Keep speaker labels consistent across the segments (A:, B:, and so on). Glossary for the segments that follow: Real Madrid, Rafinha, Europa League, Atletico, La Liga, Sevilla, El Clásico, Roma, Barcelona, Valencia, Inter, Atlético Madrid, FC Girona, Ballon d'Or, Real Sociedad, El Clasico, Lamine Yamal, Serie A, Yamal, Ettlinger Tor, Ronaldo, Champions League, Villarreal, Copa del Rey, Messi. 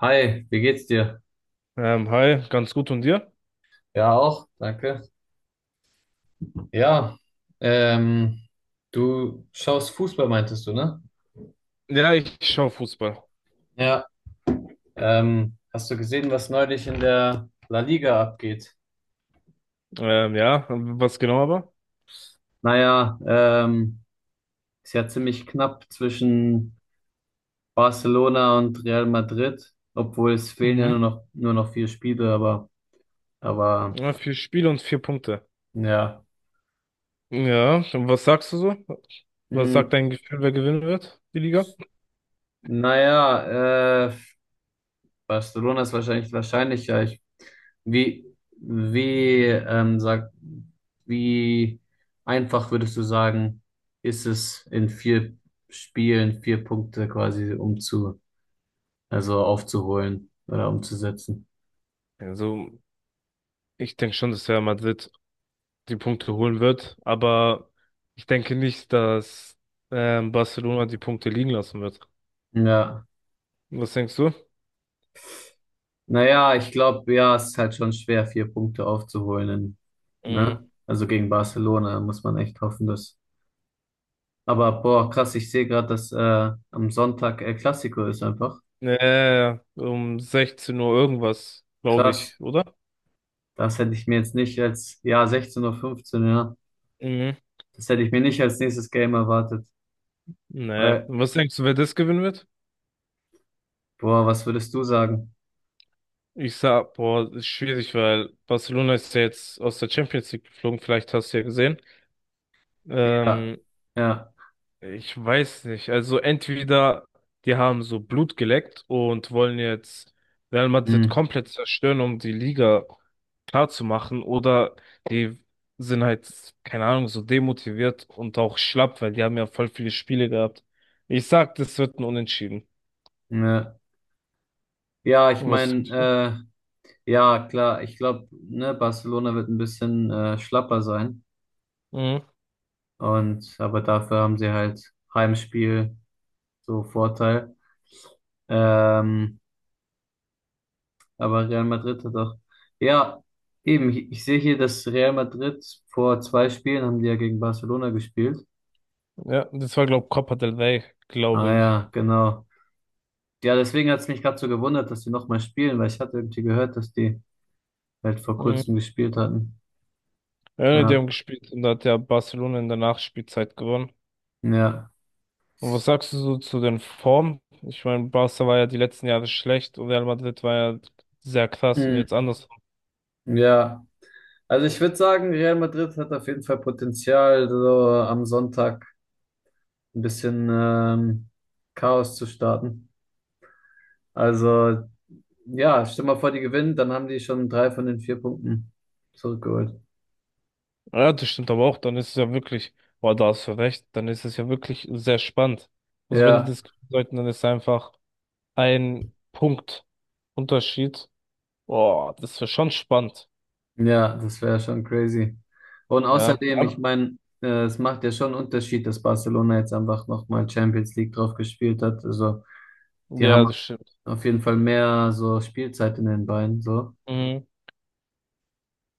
A: Hi, wie geht's dir?
B: Hi, ganz gut und dir?
A: Ja, auch, danke. Ja, ähm, du schaust Fußball, meintest du, ne?
B: Ja, ich schaue Fußball.
A: Ja. Hast du gesehen, was neulich in der La Liga abgeht?
B: Ja, was genau aber?
A: Naja, ist ja ziemlich knapp zwischen Barcelona und Real Madrid, obwohl es fehlen ja
B: Mhm.
A: nur noch vier Spiele, aber,
B: Ja, vier Spiele und vier Punkte.
A: ja.
B: Ja, und was sagst du so? Was sagt
A: Hm,
B: dein Gefühl, wer gewinnen wird, die Liga?
A: naja, Barcelona ist wahrscheinlich wahrscheinlicher. Ich Sag, wie einfach würdest du sagen, ist es in vier Spielen vier Punkte quasi also aufzuholen oder umzusetzen?
B: Also, ich denke schon, dass Real Madrid die Punkte holen wird, aber ich denke nicht, dass Barcelona die Punkte liegen lassen wird.
A: Ja.
B: Was denkst du?
A: Naja, ich glaube, ja, es ist halt schon schwer, vier Punkte aufzuholen,
B: Mhm.
A: ne? Also gegen Barcelona muss man echt hoffen, dass. Aber boah, krass, ich sehe gerade, dass am Sonntag El Clasico ist einfach.
B: Nee, um 16 Uhr irgendwas, glaube
A: Krass,
B: ich, oder?
A: das hätte ich mir jetzt nicht als, ja, 16.15 Uhr, fünfzehn, ja.
B: Mhm.
A: Das hätte ich mir nicht als nächstes Game erwartet.
B: Nee.
A: Weil,
B: Und was denkst du, wer das gewinnen wird?
A: boah, was würdest du sagen?
B: Ich sag, boah, das ist schwierig, weil Barcelona ist ja jetzt aus der Champions League geflogen, vielleicht hast du ja gesehen.
A: Ja,
B: Ähm,
A: ja,
B: Ich weiß nicht. Also entweder die haben so Blut geleckt und wollen jetzt Real Madrid
A: hm,
B: komplett zerstören, um die Liga klar zu machen oder die sind halt, keine Ahnung, so demotiviert und auch schlapp, weil die haben ja voll viele Spiele gehabt. Ich sag, das wird ein Unentschieden.
A: ja. Ja, ich
B: Und was denkst du?
A: meine, ja, klar, ich glaube, ne, Barcelona wird ein bisschen schlapper sein.
B: Mhm.
A: Und aber dafür haben sie halt Heimspiel so Vorteil. Ähm, aber Real Madrid hat auch. Ja, eben, ich sehe hier, dass Real Madrid vor zwei Spielen haben die ja gegen Barcelona gespielt.
B: Ja, das war, glaube ich, Copa del Rey,
A: Ah
B: glaube ich.
A: ja, genau. Ja, deswegen hat es mich gerade so gewundert, dass die nochmal spielen, weil ich hatte irgendwie gehört, dass die halt vor
B: Mhm.
A: kurzem gespielt hatten.
B: Ja, die
A: Ja,
B: haben gespielt und da hat ja Barcelona in der Nachspielzeit gewonnen.
A: ja,
B: Und was sagst du so zu den Formen? Ich meine, Barca war ja die letzten Jahre schlecht und Real Madrid war ja sehr krass und
A: hm,
B: jetzt anders.
A: ja. Also ich würde sagen, Real Madrid hat auf jeden Fall Potenzial, so am Sonntag ein bisschen Chaos zu starten. Also ja, stell mal vor, die gewinnen, dann haben die schon drei von den vier Punkten zurückgeholt.
B: Ja, das stimmt aber auch, dann ist es ja wirklich, boah, da hast du recht, dann ist es ja wirklich sehr spannend. Also wenn die
A: Ja.
B: das kriegen sollten, dann ist einfach ein Punkt Unterschied. Boah, das wäre schon spannend.
A: Ja, das wäre schon crazy. Und
B: Ja,
A: außerdem, ich meine, es macht ja schon einen Unterschied, dass Barcelona jetzt einfach nochmal Champions League drauf gespielt hat. Also, die
B: ja, das
A: haben
B: stimmt.
A: auf jeden Fall mehr so Spielzeit in den Beinen, so.
B: Mhm.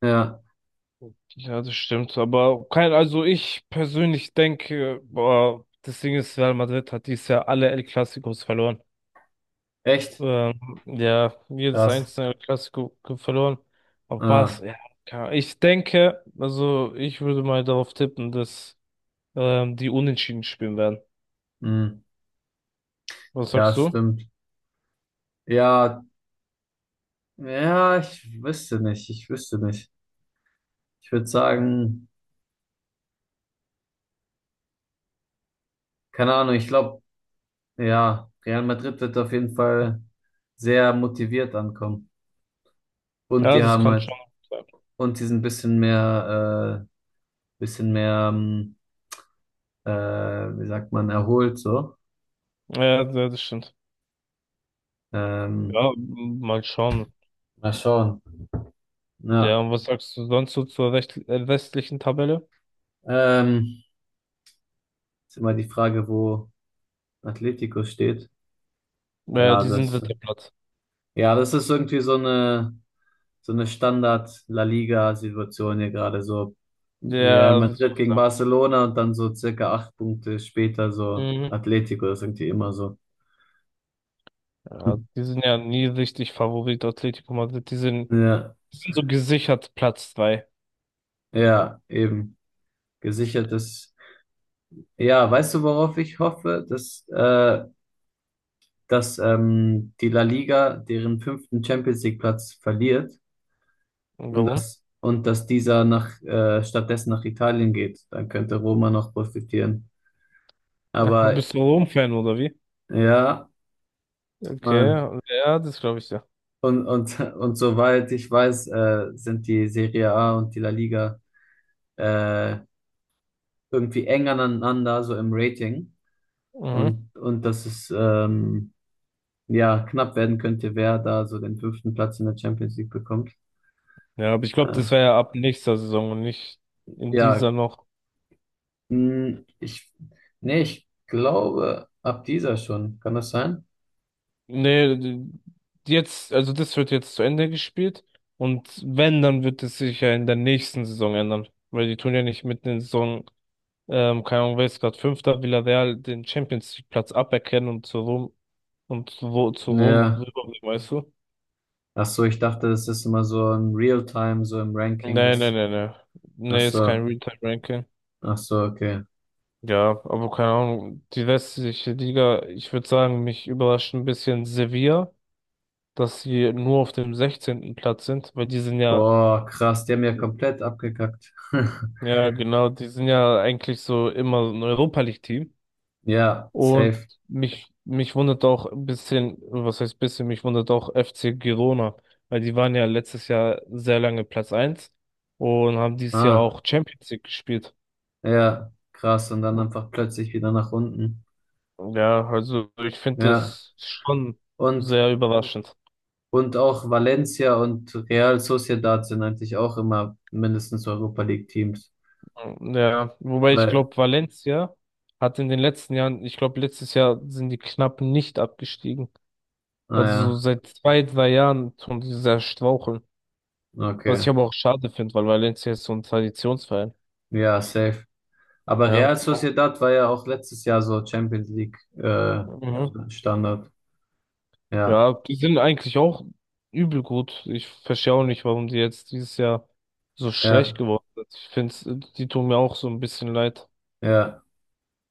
A: Ja,
B: Ja, das stimmt. Aber kein, also ich persönlich denke, boah, das Ding ist, Real Madrid hat dieses Jahr alle El Clasicos verloren.
A: echt
B: Ja, jedes
A: krass.
B: einzelne Klassiko verloren. Aber
A: Ah,
B: ja, keine Ahnung. Ich denke, also ich würde mal darauf tippen, dass die Unentschieden spielen werden.
A: mh.
B: Was
A: Ja,
B: sagst du?
A: stimmt. Ja, ja, ich wüsste nicht, ich wüsste nicht. Ich würde sagen, keine Ahnung, ich glaube, ja, Real Madrid wird auf jeden Fall sehr motiviert ankommen. Und
B: Ja,
A: die
B: das
A: haben
B: kann
A: halt
B: schon sein.
A: und sie sind ein bisschen mehr, bisschen mehr, ähm, wie sagt man, erholt so.
B: Ja, ja, das stimmt.
A: Ähm,
B: Ja, mal schauen.
A: Mal schauen.
B: Ja,
A: Ja,
B: und was sagst du sonst so zur recht, westlichen Tabelle?
A: ähm, ist immer die Frage, wo Atletico steht.
B: Ja,
A: Ja,
B: die sind
A: das,
B: dritter Platz.
A: ja, das ist irgendwie so eine Standard-La Liga-Situation hier gerade so. Real
B: Ja, würde ich
A: Madrid
B: auch
A: gegen
B: sagen.
A: Barcelona und dann so circa acht Punkte später so
B: Mhm.
A: Atletico, das ist irgendwie immer so.
B: Ja, die sind ja nie richtig Favorit Atletico Madrid. Die sind,
A: Ja,
B: die sind so gesichert Platz zwei.
A: ja, eben. Gesichertes. Ja, weißt du, worauf ich hoffe? Dass die La Liga deren fünften Champions League Platz verliert
B: Und
A: und
B: warum?
A: dass dieser stattdessen nach Italien geht. Dann könnte Roma noch profitieren.
B: Ach,
A: Aber
B: bist du Rom-Fan oder wie?
A: ja, Mann.
B: Okay, ja, das glaube ich ja.
A: Und soweit ich weiß, sind die Serie A und die La Liga äh, irgendwie eng aneinander, so im Rating.
B: Mhm.
A: Und das ist, ja knapp werden könnte, wer da so den fünften Platz in der Champions League bekommt.
B: Ja, aber ich glaube, das
A: Äh,
B: wäre ja ab nächster Saison und nicht in
A: ja,
B: dieser noch.
A: mh, ich, nee, ich glaube, ab dieser schon. Kann das sein?
B: Nee, jetzt, also das wird jetzt zu Ende gespielt und wenn, dann wird es sich ja in der nächsten Saison ändern, weil die tun ja nicht mitten in der Saison, keine Ahnung, wer ist gerade Fünfter, Villarreal den Champions League Platz aberkennen und zu Rom und zu Rom
A: Ja.
B: rüberbringen, weißt du?
A: Ach so, ich dachte, das ist immer so im Real-Time, so im Ranking,
B: Nee, nee,
A: das.
B: nee, nee.
A: Ach
B: Nee, ist kein
A: so,
B: Realtime-Ranking.
A: ach so, okay.
B: Ja, aber keine Ahnung, die westliche Liga, ich würde sagen, mich überrascht ein bisschen Sevilla, dass sie nur auf dem 16. Platz sind, weil die sind ja,
A: Boah, krass, die haben ja komplett abgekackt.
B: ja genau, die sind ja eigentlich so immer so ein Europa League-Team.
A: Ja,
B: Und
A: safe.
B: mich wundert auch ein bisschen, was heißt bisschen, mich wundert auch FC Girona, weil die waren ja letztes Jahr sehr lange Platz eins und haben dieses Jahr
A: Ah,
B: auch Champions League gespielt.
A: ja, krass. Und dann einfach plötzlich wieder nach unten.
B: Ja, also ich finde
A: Ja.
B: es schon
A: Und
B: sehr überraschend.
A: Und auch Valencia und Real Sociedad sind eigentlich auch immer mindestens Europa League Teams.
B: Ja, wobei ich
A: Weil,
B: glaube, Valencia hat in den letzten Jahren, ich glaube, letztes Jahr sind die knapp nicht abgestiegen. Also so
A: naja,
B: seit zwei, drei Jahren tun die sehr straucheln. Was
A: okay.
B: ich aber auch schade finde, weil Valencia ist so ein Traditionsverein.
A: Ja, safe. Aber
B: Ja.
A: Real Sociedad war ja auch letztes Jahr so Champions League
B: Mhm.
A: Standard. Ja,
B: Ja, die sind eigentlich auch übel gut. Ich verstehe auch nicht, warum die jetzt dieses Jahr so schlecht
A: ja,
B: geworden sind. Ich finde, die tun mir auch so ein bisschen leid.
A: ja.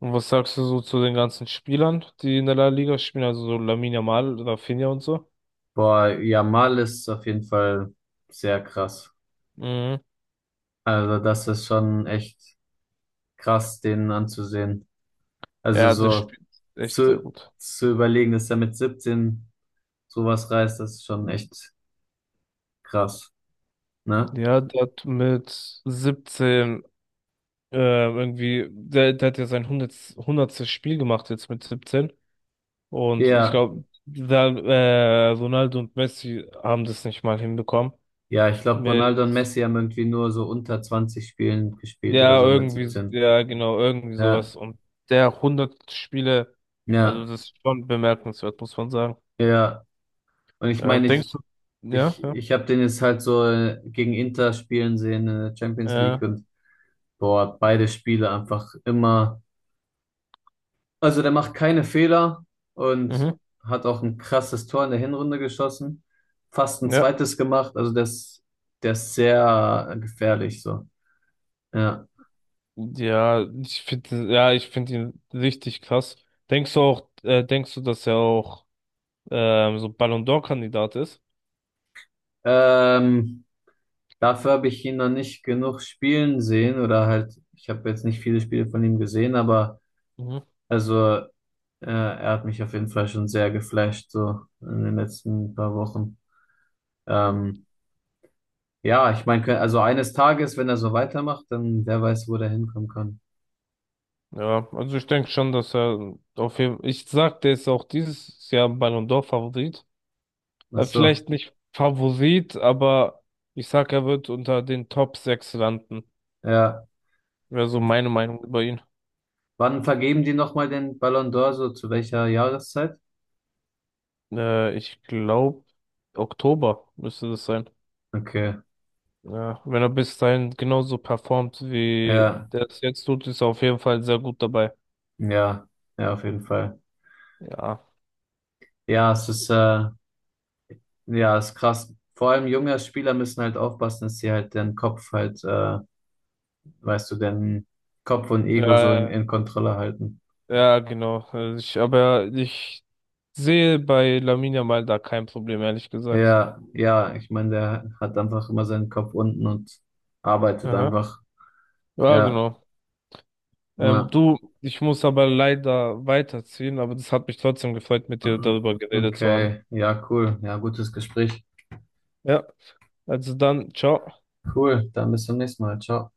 B: Und was sagst du so zu den ganzen Spielern, die in der La Liga spielen, also so Lamine Yamal, Rafinha und so?
A: Boah, Yamal ist auf jeden Fall sehr krass.
B: Mhm.
A: Also das ist schon echt krass, den anzusehen. Also
B: Ja, das
A: so
B: spielt echt sehr
A: zu,
B: gut.
A: zu überlegen, dass er mit 17 sowas reißt, das ist schon echt krass. Ne?
B: Ja, der hat mit 17 irgendwie, der hat ja sein 100. Spiel gemacht jetzt mit 17. Und ich
A: Ja,
B: glaube, da, Ronaldo und Messi haben das nicht mal hinbekommen.
A: ja, ich glaube, Ronaldo und
B: Mit,
A: Messi haben irgendwie nur so unter 20 Spielen gespielt oder
B: ja,
A: so mit
B: irgendwie,
A: 17.
B: ja, genau, irgendwie
A: Ja,
B: sowas. Und der 100 Spiele, also
A: ja,
B: das ist schon bemerkenswert, muss man sagen.
A: ja. Und ich
B: Ja,
A: meine, ich,
B: denkst du, ja,
A: ich,
B: ja,
A: ich habe den jetzt halt so gegen Inter spielen sehen in der Champions
B: äh,
A: League und boah, beide Spiele einfach immer. Also der macht keine Fehler und
B: mhm,
A: hat auch ein krasses Tor in der Hinrunde geschossen, fast ein
B: ja.
A: zweites gemacht. Also der ist sehr gefährlich so. Ja.
B: Ja, ich finde ihn richtig krass. Denkst du, dass er auch so Ballon d'Or-Kandidat ist?
A: Ähm, Dafür habe ich ihn noch nicht genug spielen sehen oder halt, ich habe jetzt nicht viele Spiele von ihm gesehen, aber
B: Mhm.
A: also er hat mich auf jeden Fall schon sehr geflasht, so in den letzten paar Wochen. Ähm, ja, ich meine, also eines Tages, wenn er so weitermacht, dann wer weiß, wo der hinkommen kann.
B: Ja, also ich denke schon, dass er auf jeden Fall, ich sag, der ist auch dieses Jahr Ballon d'Or-Favorit.
A: Ach so,
B: Vielleicht nicht Favorit, aber ich sag, er wird unter den Top 6 landen.
A: ja.
B: Wäre so meine Meinung über ihn.
A: Wann vergeben die nochmal den Ballon d'Or, so zu welcher Jahreszeit?
B: Ich glaube, Oktober müsste das sein.
A: Okay,
B: Ja, wenn er bis dahin genauso performt, wie
A: ja,
B: der es jetzt tut, ist er auf jeden Fall sehr gut dabei.
A: ja, ja, auf jeden Fall.
B: Ja,
A: Ja, es ist ja, ist krass. Vor allem junge Spieler müssen halt aufpassen, dass sie halt den Kopf halt, weißt du, den Kopf und Ego so in,
B: ja,
A: in Kontrolle halten.
B: ja, genau. Aber ich sehe bei Lamine Yamal da kein Problem, ehrlich gesagt.
A: Ja, ja, ich meine, der hat einfach immer seinen Kopf unten und arbeitet
B: Aha.
A: einfach.
B: Ja,
A: Ja,
B: genau.
A: na,
B: Du, ich muss aber leider weiterziehen, aber das hat mich trotzdem gefreut, mit dir darüber geredet zu haben.
A: okay, ja, cool. Ja, gutes Gespräch.
B: Ja, also dann, ciao.
A: Cool, dann bis zum nächsten Mal. Ciao.